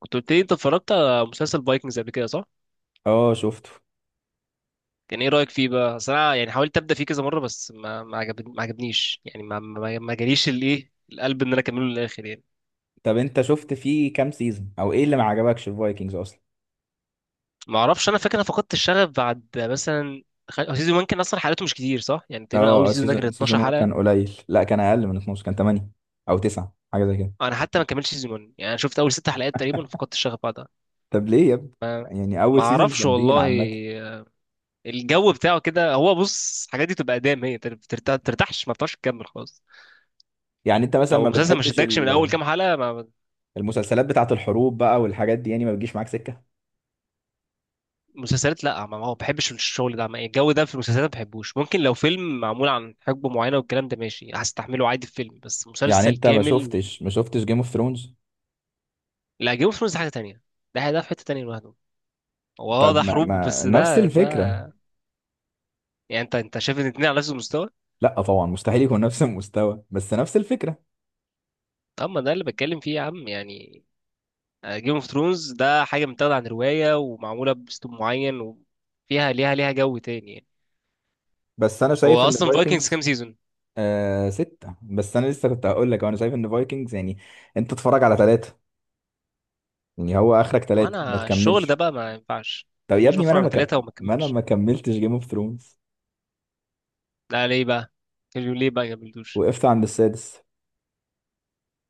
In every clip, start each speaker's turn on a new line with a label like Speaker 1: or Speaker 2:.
Speaker 1: كنت قلت لي انت اتفرجت على مسلسل فايكنجز قبل كده صح؟
Speaker 2: اه، شفته.
Speaker 1: كان ايه رأيك فيه بقى؟ أصل انا يعني حاولت ابدا فيه كذا مرة بس ما عجبنيش يعني ما جاليش الايه القلب ان انا اكمله للاخر يعني.
Speaker 2: طب انت شفت فيه كام سيزون او ايه اللي ما عجبكش في فايكنجز اصلا؟
Speaker 1: ما اعرفش، انا فاكر انا فقدت الشغف بعد مثلا. هو سيزون 1 كان اصلا حلقاته مش كتير صح؟ يعني تقريبا
Speaker 2: اه
Speaker 1: اول
Speaker 2: اه
Speaker 1: سيزون ده كان
Speaker 2: سيزون
Speaker 1: 12
Speaker 2: 1
Speaker 1: حلقة.
Speaker 2: كان قليل. لا، كان اقل من 12، كان 8 او 9، حاجه زي كده.
Speaker 1: انا حتى ما كملتش سيزون 1، يعني انا شفت اول ست حلقات تقريبا فقدت الشغف بعدها.
Speaker 2: طب ليه يا ابني؟ يعني اول
Speaker 1: ما
Speaker 2: سيزونز
Speaker 1: اعرفش
Speaker 2: جامدين
Speaker 1: والله.
Speaker 2: عامه.
Speaker 1: الجو بتاعه كده، هو بص، الحاجات دي تبقى ادام هي بترتاح ترتاحش، ما بتعرفش تكمل خالص.
Speaker 2: يعني انت مثلا
Speaker 1: لو
Speaker 2: ما
Speaker 1: المسلسل ما
Speaker 2: بتحبش
Speaker 1: شدكش من اول كام حلقه ما.
Speaker 2: المسلسلات بتاعه الحروب بقى والحاجات دي، يعني ما بتجيش معاك سكه.
Speaker 1: مسلسلات لا ما بحبش الشغل ده، الجو ده في المسلسلات ما بحبوش. ممكن لو فيلم معمول عن حقبة معينة والكلام ده ماشي هستحمله عادي في فيلم، بس
Speaker 2: يعني
Speaker 1: مسلسل
Speaker 2: انت ما
Speaker 1: كامل
Speaker 2: شفتش ما شفتش جيم اوف ثرونز؟
Speaker 1: لا. جيم اوف ثرونز ده حاجة تانية، ده في حتة تانية لوحده. هو اه
Speaker 2: طب
Speaker 1: ده
Speaker 2: ما,
Speaker 1: حروب
Speaker 2: ما
Speaker 1: بس
Speaker 2: نفس
Speaker 1: ده
Speaker 2: الفكره.
Speaker 1: ده يعني انت شايف ان الاتنين على نفس المستوى.
Speaker 2: لا طبعا، مستحيل يكون نفس المستوى، بس نفس الفكره.
Speaker 1: اما ده اللي بتكلم فيه يا عم يعني. آه، جيم اوف ثرونز ده حاجة متاخدة عن رواية ومعمولة بأسلوب معين وفيها ليها جو تاني يعني.
Speaker 2: بس انا شايف
Speaker 1: هو
Speaker 2: ان
Speaker 1: اصلا فايكنجز كام
Speaker 2: فايكنجز
Speaker 1: سيزون.
Speaker 2: آه ستة. بس أنا لسه كنت هقول لك، أنا شايف إن فايكنجز يعني أنت اتفرج على ثلاثة. يعني هو آخرك ثلاثة ما
Speaker 1: وانا الشغل ده
Speaker 2: تكملش.
Speaker 1: بقى ما ينفعش،
Speaker 2: طب يا
Speaker 1: مش
Speaker 2: ابني،
Speaker 1: بفرج على ثلاثة وما
Speaker 2: ما أنا
Speaker 1: كملش.
Speaker 2: ما كملتش جيم اوف ثرونز.
Speaker 1: لا ليه بقى، قالوا ليه بقى جابلتوش.
Speaker 2: وقفت عند السادس.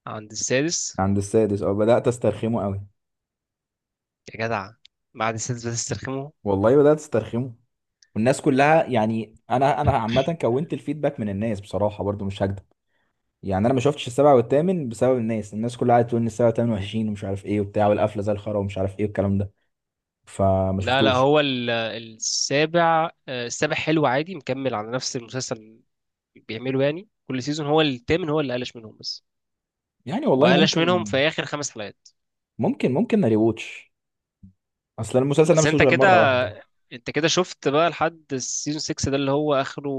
Speaker 1: عند السادس.
Speaker 2: عند السادس. أو بدأت أسترخمه قوي.
Speaker 1: يا جدع، بعد السادس بتسترخموا.
Speaker 2: والله بدأت أسترخمه. والناس كلها يعني، أنا عامة كونت الفيدباك من الناس، بصراحة برضو مش هكدب. يعني أنا ما شفتش السابع والثامن بسبب الناس كلها قاعدة تقول إن السابع والثامن وحشين ومش عارف إيه وبتاع، والقفلة زي الخرا، ومش عارف إيه والكلام ده. فما
Speaker 1: لا لا،
Speaker 2: شفتوش.
Speaker 1: هو السابع آه، السابع حلو عادي، مكمل على نفس المسلسل اللي بيعمله يعني كل سيزون. هو التامن هو اللي قلش منهم بس،
Speaker 2: يعني والله
Speaker 1: وقلش منهم
Speaker 2: ممكن.
Speaker 1: في اخر خمس حلقات.
Speaker 2: ممكن ريوتش. اصل المسلسل ده
Speaker 1: بس
Speaker 2: مش
Speaker 1: انت
Speaker 2: غير
Speaker 1: كده،
Speaker 2: مره واحده.
Speaker 1: انت كده شفت بقى لحد السيزون 6 ده اللي هو اخره.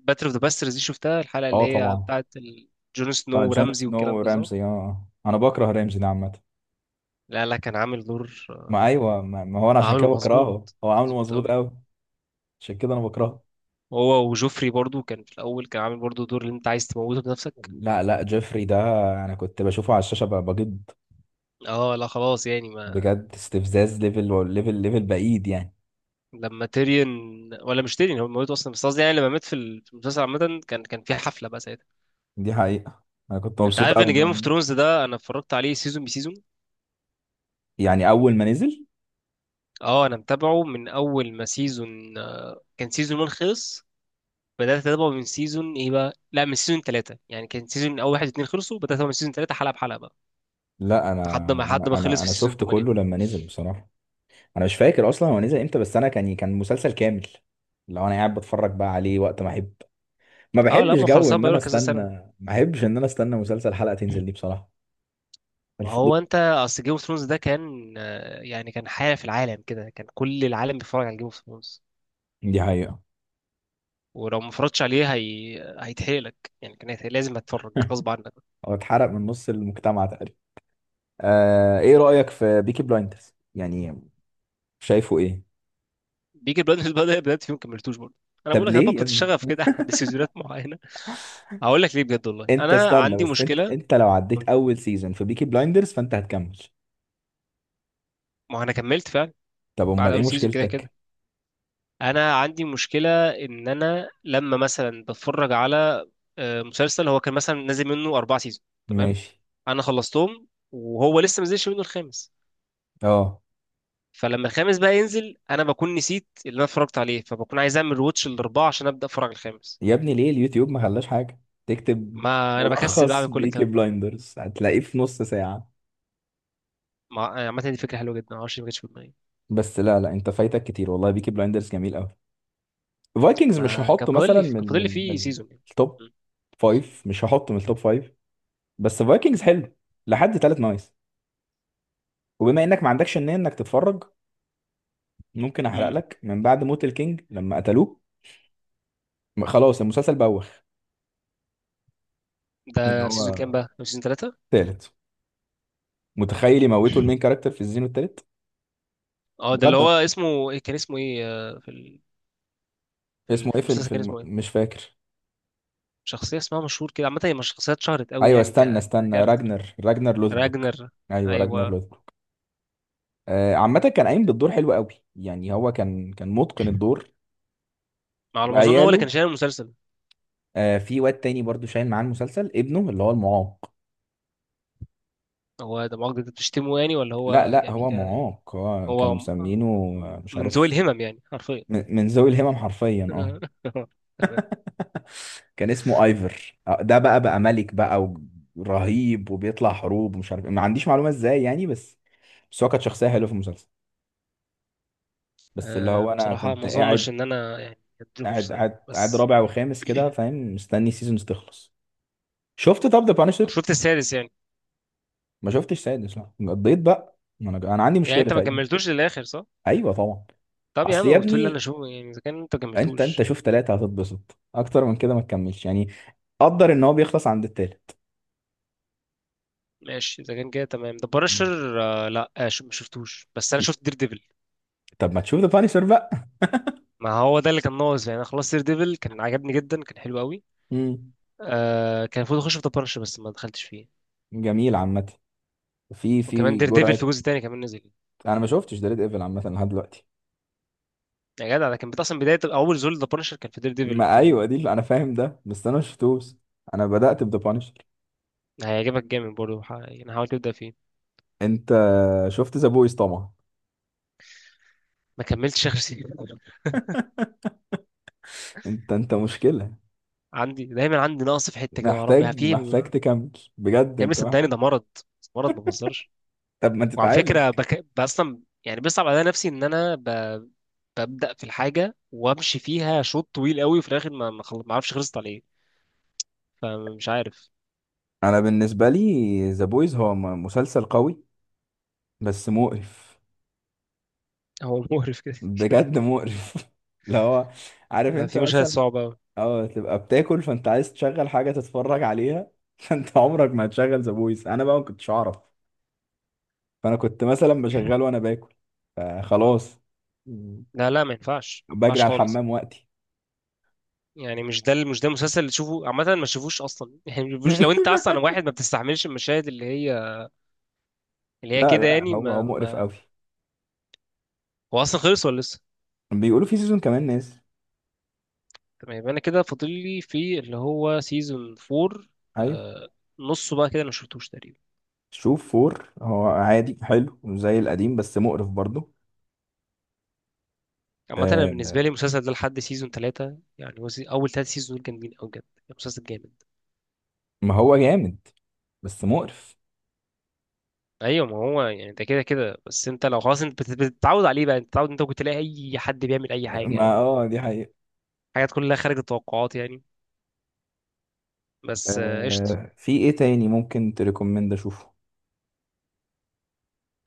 Speaker 1: باتل اوف ذا باسترز دي شفتها، الحلقه اللي
Speaker 2: اه
Speaker 1: هي
Speaker 2: طبعا.
Speaker 1: بتاعت جون
Speaker 2: بتاع
Speaker 1: سنو
Speaker 2: جون
Speaker 1: ورمزي
Speaker 2: سنو
Speaker 1: والكلام ده صح؟
Speaker 2: رامزي، انا بكره رامزي ده عامه.
Speaker 1: لا لا، كان عامل دور.
Speaker 2: ما ايوه، ما هو انا عشان
Speaker 1: عامله
Speaker 2: كده بكرهه،
Speaker 1: مظبوط،
Speaker 2: هو عامله
Speaker 1: مظبوط
Speaker 2: مظبوط
Speaker 1: قوي.
Speaker 2: قوي. عشان كده انا
Speaker 1: أهو.
Speaker 2: بكرهه.
Speaker 1: هو وجوفري برضو كان في الاول كان عامل برضو دور اللي انت عايز تموته بنفسك.
Speaker 2: لا لا، جيفري ده انا كنت بشوفه على الشاشه بجد.
Speaker 1: اه لا خلاص يعني ما.
Speaker 2: بجد استفزاز، ليفل ليفل ليفل بعيد يعني.
Speaker 1: لما تيريون، ولا مش تيريون هو موته اصلا، بس قصدي يعني لما مات في في المسلسل عامه، كان كان في حفله بقى ساعتها.
Speaker 2: دي حقيقه. انا كنت
Speaker 1: انت
Speaker 2: مبسوط
Speaker 1: عارف
Speaker 2: قوي
Speaker 1: ان جيم
Speaker 2: انه.
Speaker 1: اوف ثرونز ده انا اتفرجت عليه سيزون بسيزون.
Speaker 2: يعني اول ما نزل.
Speaker 1: اه انا متابعه من اول ما سيزون، كان سيزون 1 خلص، بدات اتابعه من سيزون ايه بقى، لا من سيزون 3، يعني كان سيزون اول واحد اتنين خلصوا، بدات اتابعه من سيزون 3 حلقه بحلقه بقى،
Speaker 2: لا انا
Speaker 1: لحد ما
Speaker 2: انا انا
Speaker 1: خلص في
Speaker 2: انا
Speaker 1: سيزون
Speaker 2: شفت
Speaker 1: 8.
Speaker 2: كله لما نزل بصراحه. انا مش فاكر اصلا هو نزل امتى، بس انا كان مسلسل كامل. لو انا قاعد بتفرج بقى عليه وقت ما احب. ما
Speaker 1: اه لا، ما
Speaker 2: بحبش
Speaker 1: هو
Speaker 2: جو
Speaker 1: خلصان
Speaker 2: ان انا
Speaker 1: بقاله كذا
Speaker 2: استنى،
Speaker 1: سنه.
Speaker 2: ما بحبش ان انا استنى مسلسل حلقة تنزل دي بصراحة.
Speaker 1: ما
Speaker 2: الفضول.
Speaker 1: هو انت اصل جيم اوف ثرونز ده كان آه، يعني كان حاجه في العالم كده، كان كل العالم بيتفرج على جيم اوف ثرونز.
Speaker 2: دي حقيقة.
Speaker 1: ولو ما اتفرجتش عليه هي... هيتحرق لك، يعني كان هيتحرق. لازم هتتفرج غصب عنك.
Speaker 2: هو اتحرق من نص المجتمع تقريبا. آه، ايه رأيك في بيكي بلايندرز يعني؟ شايفه ايه؟
Speaker 1: بيجي البلد بدأ بدأت فيهم كملتوش برضه. انا بقول
Speaker 2: طب
Speaker 1: لك انا
Speaker 2: ليه يا
Speaker 1: فقدت
Speaker 2: ابني؟
Speaker 1: الشغف كده عند سيزونات معينه. هقول لك ليه بجد والله،
Speaker 2: انت
Speaker 1: انا
Speaker 2: استنى
Speaker 1: عندي
Speaker 2: بس، انت
Speaker 1: مشكله.
Speaker 2: انت لو عديت اول سيزون في بيكي بلايندرز فانت هتكمل.
Speaker 1: ما هو انا كملت فعلا
Speaker 2: طب
Speaker 1: بعد
Speaker 2: امال ايه
Speaker 1: اول سيزون كده كده.
Speaker 2: مشكلتك؟
Speaker 1: انا عندي مشكله ان انا لما مثلا بتفرج على آه، مسلسل هو كان مثلا نازل منه اربع سيزون تمام،
Speaker 2: ماشي.
Speaker 1: انا خلصتهم وهو لسه ما نزلش منه الخامس،
Speaker 2: اه.
Speaker 1: فلما الخامس بقى ينزل انا بكون نسيت اللي انا اتفرجت عليه، فبكون عايز اعمل روتش الاربعه عشان ابدا اتفرج على الخامس.
Speaker 2: يا ابني ليه اليوتيوب ما خلاش حاجة؟ تكتب
Speaker 1: ما انا بكسل بقى اعمل
Speaker 2: ملخص
Speaker 1: كل
Speaker 2: بيكي
Speaker 1: الكلام ده.
Speaker 2: بلايندرز هتلاقيه في نص ساعة.
Speaker 1: مع عامه دي فكره حلوه جدا، ما اعرفش ليه ما جاتش في دماغي.
Speaker 2: بس لا لا، انت فايتك كتير والله، بيكي بلايندرز جميل قوي. فايكنجز مش
Speaker 1: ما كان
Speaker 2: هحطه
Speaker 1: فاضل
Speaker 2: مثلا
Speaker 1: لي كان
Speaker 2: من
Speaker 1: فاضل لي
Speaker 2: من
Speaker 1: فيه
Speaker 2: من
Speaker 1: سيزون يعني.
Speaker 2: التوب
Speaker 1: م-
Speaker 2: فايف، مش هحطه من التوب فايف. بس فايكنجز حلو لحد تالت، نايس. وبما انك ما عندكش النية انك تتفرج، ممكن احرق
Speaker 1: م.
Speaker 2: لك. من بعد موت الكينج لما قتلوه خلاص المسلسل بوخ. ان
Speaker 1: ده في سيزون كام
Speaker 2: هو
Speaker 1: بقى؟ في سيزون ثلاثة؟
Speaker 2: تالت. متخيل يموتوا المين كاركتر في الزينو التالت؟
Speaker 1: اه ده اللي هو
Speaker 2: بجد.
Speaker 1: اسمه ايه، كان اسمه ايه آه، في
Speaker 2: اسمه ايه
Speaker 1: في
Speaker 2: في ال-
Speaker 1: المسلسل
Speaker 2: في
Speaker 1: كان
Speaker 2: الم...
Speaker 1: اسمه ايه؟
Speaker 2: مش فاكر.
Speaker 1: شخصية اسمها مشهور كده عامة، هي مش شخصية اتشهرت قوي
Speaker 2: ايوه
Speaker 1: يعني
Speaker 2: استنى استنى،
Speaker 1: ككاركتر.
Speaker 2: راجنر، راجنر لوثبروك.
Speaker 1: راجنر.
Speaker 2: ايوه، راجنر
Speaker 1: أيوة.
Speaker 2: لوثبروك. آه عامه، كان قايم بالدور حلو قوي، يعني هو كان متقن الدور.
Speaker 1: على ما أظن هو اللي كان
Speaker 2: وعياله.
Speaker 1: شايل المسلسل.
Speaker 2: آه في واد تاني برضو شايل معاه المسلسل، ابنه اللي هو المعاق.
Speaker 1: هو ده مؤاخذة أنت بتشتمه يعني ولا
Speaker 2: لا
Speaker 1: هو.
Speaker 2: لا،
Speaker 1: يعني
Speaker 2: هو معاق، هو كانوا
Speaker 1: هو
Speaker 2: مسمينه مش
Speaker 1: من ذوي
Speaker 2: عارف.
Speaker 1: الهمم يعني حرفيا.
Speaker 2: من ذوي الهمم حرفيا، اه.
Speaker 1: تمام.
Speaker 2: كان اسمه ايفر. ده بقى ملك بقى. ورهيب وبيطلع حروب ومش عارف إيه. ما عنديش معلومه ازاي يعني، بس هو كانت شخصيه حلوه في المسلسل. بس اللي
Speaker 1: أه
Speaker 2: هو انا
Speaker 1: بصراحة ما
Speaker 2: كنت
Speaker 1: أظنش إن
Speaker 2: قاعد،
Speaker 1: أنا يعني أديله
Speaker 2: قاعد
Speaker 1: فرصة يعني
Speaker 2: قاعد قاعد
Speaker 1: بس.
Speaker 2: رابع وخامس كده فاهم، مستني سيزونز تخلص. شفت طب ذا بانشر؟
Speaker 1: شفت السادس يعني.
Speaker 2: ما شفتش سادس، لا قضيت بقى. ما انا عندي
Speaker 1: يعني
Speaker 2: مشكله
Speaker 1: أنت ما
Speaker 2: تقريبا.
Speaker 1: كملتوش للآخر صح؟
Speaker 2: ايوه طبعا.
Speaker 1: طب يا
Speaker 2: اصل يا
Speaker 1: عم بتقول لي أنا
Speaker 2: ابني،
Speaker 1: شو يعني إذا كان أنت ما
Speaker 2: انت
Speaker 1: كملتوش.
Speaker 2: شوف ثلاثه هتتبسط اكتر من كده، ما تكملش يعني. قدر ان هو بيخلص عند الثالث.
Speaker 1: ماشي إذا كان كده تمام. ده بارشر آه لا آه شو، ما شفتوش، بس أنا شفت دير ديفل.
Speaker 2: طب ما تشوف ذا بانشر بقى.
Speaker 1: ما هو ده اللي كان ناقص يعني، انا خلصت دير ديفل، كان عجبني جدا، كان حلو قوي.
Speaker 2: امم.
Speaker 1: آه كان المفروض اخش في ذا بانشر بس ما دخلتش فيه.
Speaker 2: جميل عامه. في
Speaker 1: وكمان
Speaker 2: في
Speaker 1: دير ديفل في
Speaker 2: جرعه.
Speaker 1: جزء تاني كمان نزل.
Speaker 2: انا ما شفتش ديد ايفل عامه لحد دلوقتي.
Speaker 1: يا جدع ده كان اصلا بدايه اول زول ذا بانشر كان في دير ديفل
Speaker 2: ما
Speaker 1: في
Speaker 2: ايوه،
Speaker 1: ال...
Speaker 2: دي اللي انا فاهم ده، بس انا ما شفتوش. انا بدات بذا بانشر.
Speaker 1: هيعجبك جامد برضه، يعني حاول تبدا فيه.
Speaker 2: انت شفت ذا بويز طبعا.
Speaker 1: ما كملتش اخر سيزون.
Speaker 2: انت مشكلة.
Speaker 1: عندي دايما عندي نقص في حته كده مع ربي
Speaker 2: محتاج
Speaker 1: في
Speaker 2: محتاج
Speaker 1: يا
Speaker 2: تكمل. بجد
Speaker 1: ابني،
Speaker 2: انت
Speaker 1: صدقني
Speaker 2: محتاج.
Speaker 1: ده مرض، مرض ما بهزرش.
Speaker 2: طب ما
Speaker 1: وعلى
Speaker 2: تتعالج.
Speaker 1: فكره اصلا يعني بيصعب عليا نفسي ان انا ببدا في الحاجه وامشي فيها شوط طويل قوي وفي الاخر ما اعرفش خلصت على ايه، فمش عارف.
Speaker 2: انا بالنسبة لي ذا بويز هو مسلسل قوي. بس مقرف.
Speaker 1: هو مقرف كده كده،
Speaker 2: بجد مقرف. اللي هو، عارف انت
Speaker 1: في مشاهد
Speaker 2: مثلا،
Speaker 1: صعبة أوي.
Speaker 2: اه تبقى بتاكل فانت عايز تشغل حاجة تتفرج عليها، فانت عمرك ما هتشغل ذا بويز. انا بقى ما كنتش اعرف، فانا كنت مثلا بشغله وانا باكل، فخلاص. مم.
Speaker 1: لا لا، ما ينفعش ما
Speaker 2: بجري
Speaker 1: ينفعش
Speaker 2: على
Speaker 1: خالص.
Speaker 2: الحمام وقتي.
Speaker 1: يعني مش ده المسلسل اللي تشوفه عامة، ما تشوفوش أصلا. يعني ما تشوفوش لو أنت أصلا واحد ما بتستحملش المشاهد اللي هي
Speaker 2: لا
Speaker 1: كده
Speaker 2: لا،
Speaker 1: يعني
Speaker 2: هو
Speaker 1: ما,
Speaker 2: مقرف
Speaker 1: ما
Speaker 2: قوي.
Speaker 1: هو أصلا خلص ولا لسه.
Speaker 2: بيقولوا في سيزون كمان ناس.
Speaker 1: تمام يبقى أنا كده فاضل لي في اللي هو سيزون 4.
Speaker 2: ايوه.
Speaker 1: آه، نصه بقى كده أنا ما شفتوش تقريبا.
Speaker 2: شوف فور هو عادي حلو زي القديم بس مقرف برضه.
Speaker 1: عامة أنا بالنسبة لي
Speaker 2: آه.
Speaker 1: المسلسل ده لحد سيزون 3 يعني، هو أول 3 سيزون دول جامدين أوي بجد، المسلسل جامد.
Speaker 2: ما هو جامد. بس مقرف.
Speaker 1: ايوه ما هو يعني انت كده كده، بس انت لو خلاص انت بتتعود عليه بقى، انت بتتعود، انت ممكن تلاقي اي حد بيعمل اي حاجه
Speaker 2: ما
Speaker 1: او
Speaker 2: اه، دي حقيقة.
Speaker 1: حاجات كلها خارج التوقعات يعني. بس آه، قشطه.
Speaker 2: آه في ايه تاني ممكن تريكومند اشوفه؟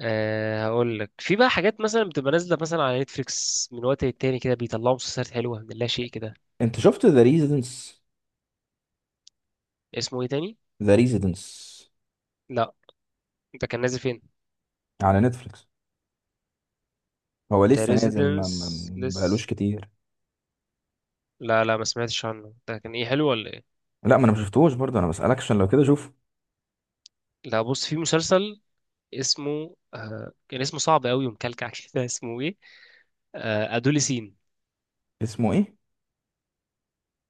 Speaker 1: أه هقول لك في بقى حاجات مثلا بتبقى نازله مثلا على نتفليكس من وقت للتاني كده، بيطلعوا مسلسلات حلوه من لا شيء كده.
Speaker 2: انت شفت ذا ريزيدنس؟
Speaker 1: اسمه ايه تاني.
Speaker 2: ذا ريزيدنس.
Speaker 1: لا. انت كان نازل فين.
Speaker 2: على نتفليكس. هو
Speaker 1: انت
Speaker 2: لسه نازل،
Speaker 1: ريزيدنس.
Speaker 2: ما بقالوش
Speaker 1: لس.
Speaker 2: كتير.
Speaker 1: لا لا ما سمعتش عنه، ده كان ايه حلو ولا ايه.
Speaker 2: لا، ما انا ما شفتهوش برضه، انا بسألك عشان لو كده شوف.
Speaker 1: لا بص، في مسلسل اسمه آه، كان اسمه صعب قوي ومكلكع كده. اسمه ايه، آه ادوليسين.
Speaker 2: اسمه ايه؟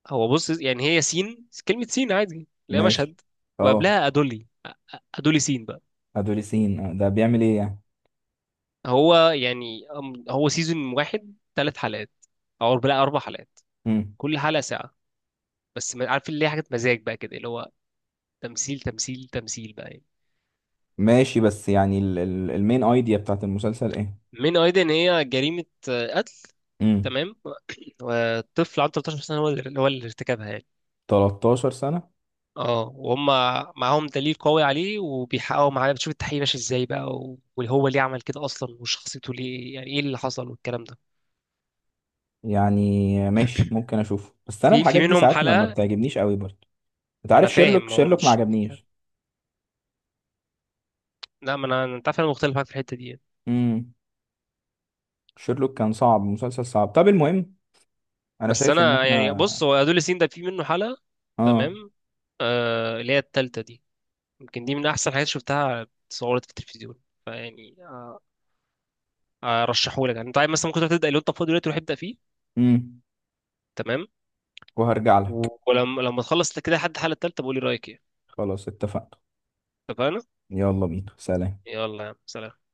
Speaker 1: هو بص يعني، هي سين كلمة سين عادي اللي هي
Speaker 2: ماشي.
Speaker 1: مشهد،
Speaker 2: اه.
Speaker 1: وقبلها أدولي، أدولي سين بقى.
Speaker 2: ادوليسين. ده بيعمل ايه يعني؟
Speaker 1: هو يعني هو سيزون واحد ثلاث حلقات، أو لا أربع حلقات،
Speaker 2: مم.
Speaker 1: كل حلقة ساعة. بس عارف اللي هي حاجة مزاج بقى كده اللي هو تمثيل بقى يعني.
Speaker 2: ماشي، بس يعني المين ايديا بتاعت المسلسل ايه؟
Speaker 1: من أيضا إن هي جريمة آه، قتل
Speaker 2: امم.
Speaker 1: تمام. وطفل عنده 13 سنة هو اللي ارتكبها يعني.
Speaker 2: 13 سنة.
Speaker 1: اه وهم معاهم دليل قوي عليه، وبيحققوا معاه، بتشوف التحقيق ماشي ازاي بقى، وهو ليه عمل كده اصلا، وشخصيته ليه، يعني ايه اللي حصل والكلام ده.
Speaker 2: يعني ماشي، ممكن اشوفه، بس انا
Speaker 1: في في
Speaker 2: الحاجات دي
Speaker 1: منهم
Speaker 2: ساعات ما
Speaker 1: حلقه.
Speaker 2: بتعجبنيش قوي برضه. انت
Speaker 1: ما انا
Speaker 2: عارف شيرلوك؟
Speaker 1: فاهم هو
Speaker 2: شيرلوك ما
Speaker 1: مش،
Speaker 2: عجبنيش.
Speaker 1: لا ما انا، انت عارف انا مختلف معاك في الحته دي يعني.
Speaker 2: امم. شيرلوك كان صعب، مسلسل صعب. طب المهم، انا
Speaker 1: بس
Speaker 2: شايف ان
Speaker 1: انا يعني بص،
Speaker 2: احنا.
Speaker 1: هو ادوليسين ده في منه حلقه،
Speaker 2: اه.
Speaker 1: تمام، آه اللي هي التالتة دي، يمكن دي من احسن حاجات شفتها. اتصورت في التلفزيون فيعني آه، ارشحهولك، يعني انت عايز مثلا ممكن تروح تبدا، لو انت فاضي دلوقتي روح ابدا فيه.
Speaker 2: امم
Speaker 1: تمام.
Speaker 2: وهرجع
Speaker 1: و-
Speaker 2: لك.
Speaker 1: ولما لما تخلص كده لحد الحلقه التالتة بقول لي رايك ايه.
Speaker 2: خلاص اتفقنا.
Speaker 1: اتفقنا.
Speaker 2: يلا بينا، سلام.
Speaker 1: يلا يا عم سلام.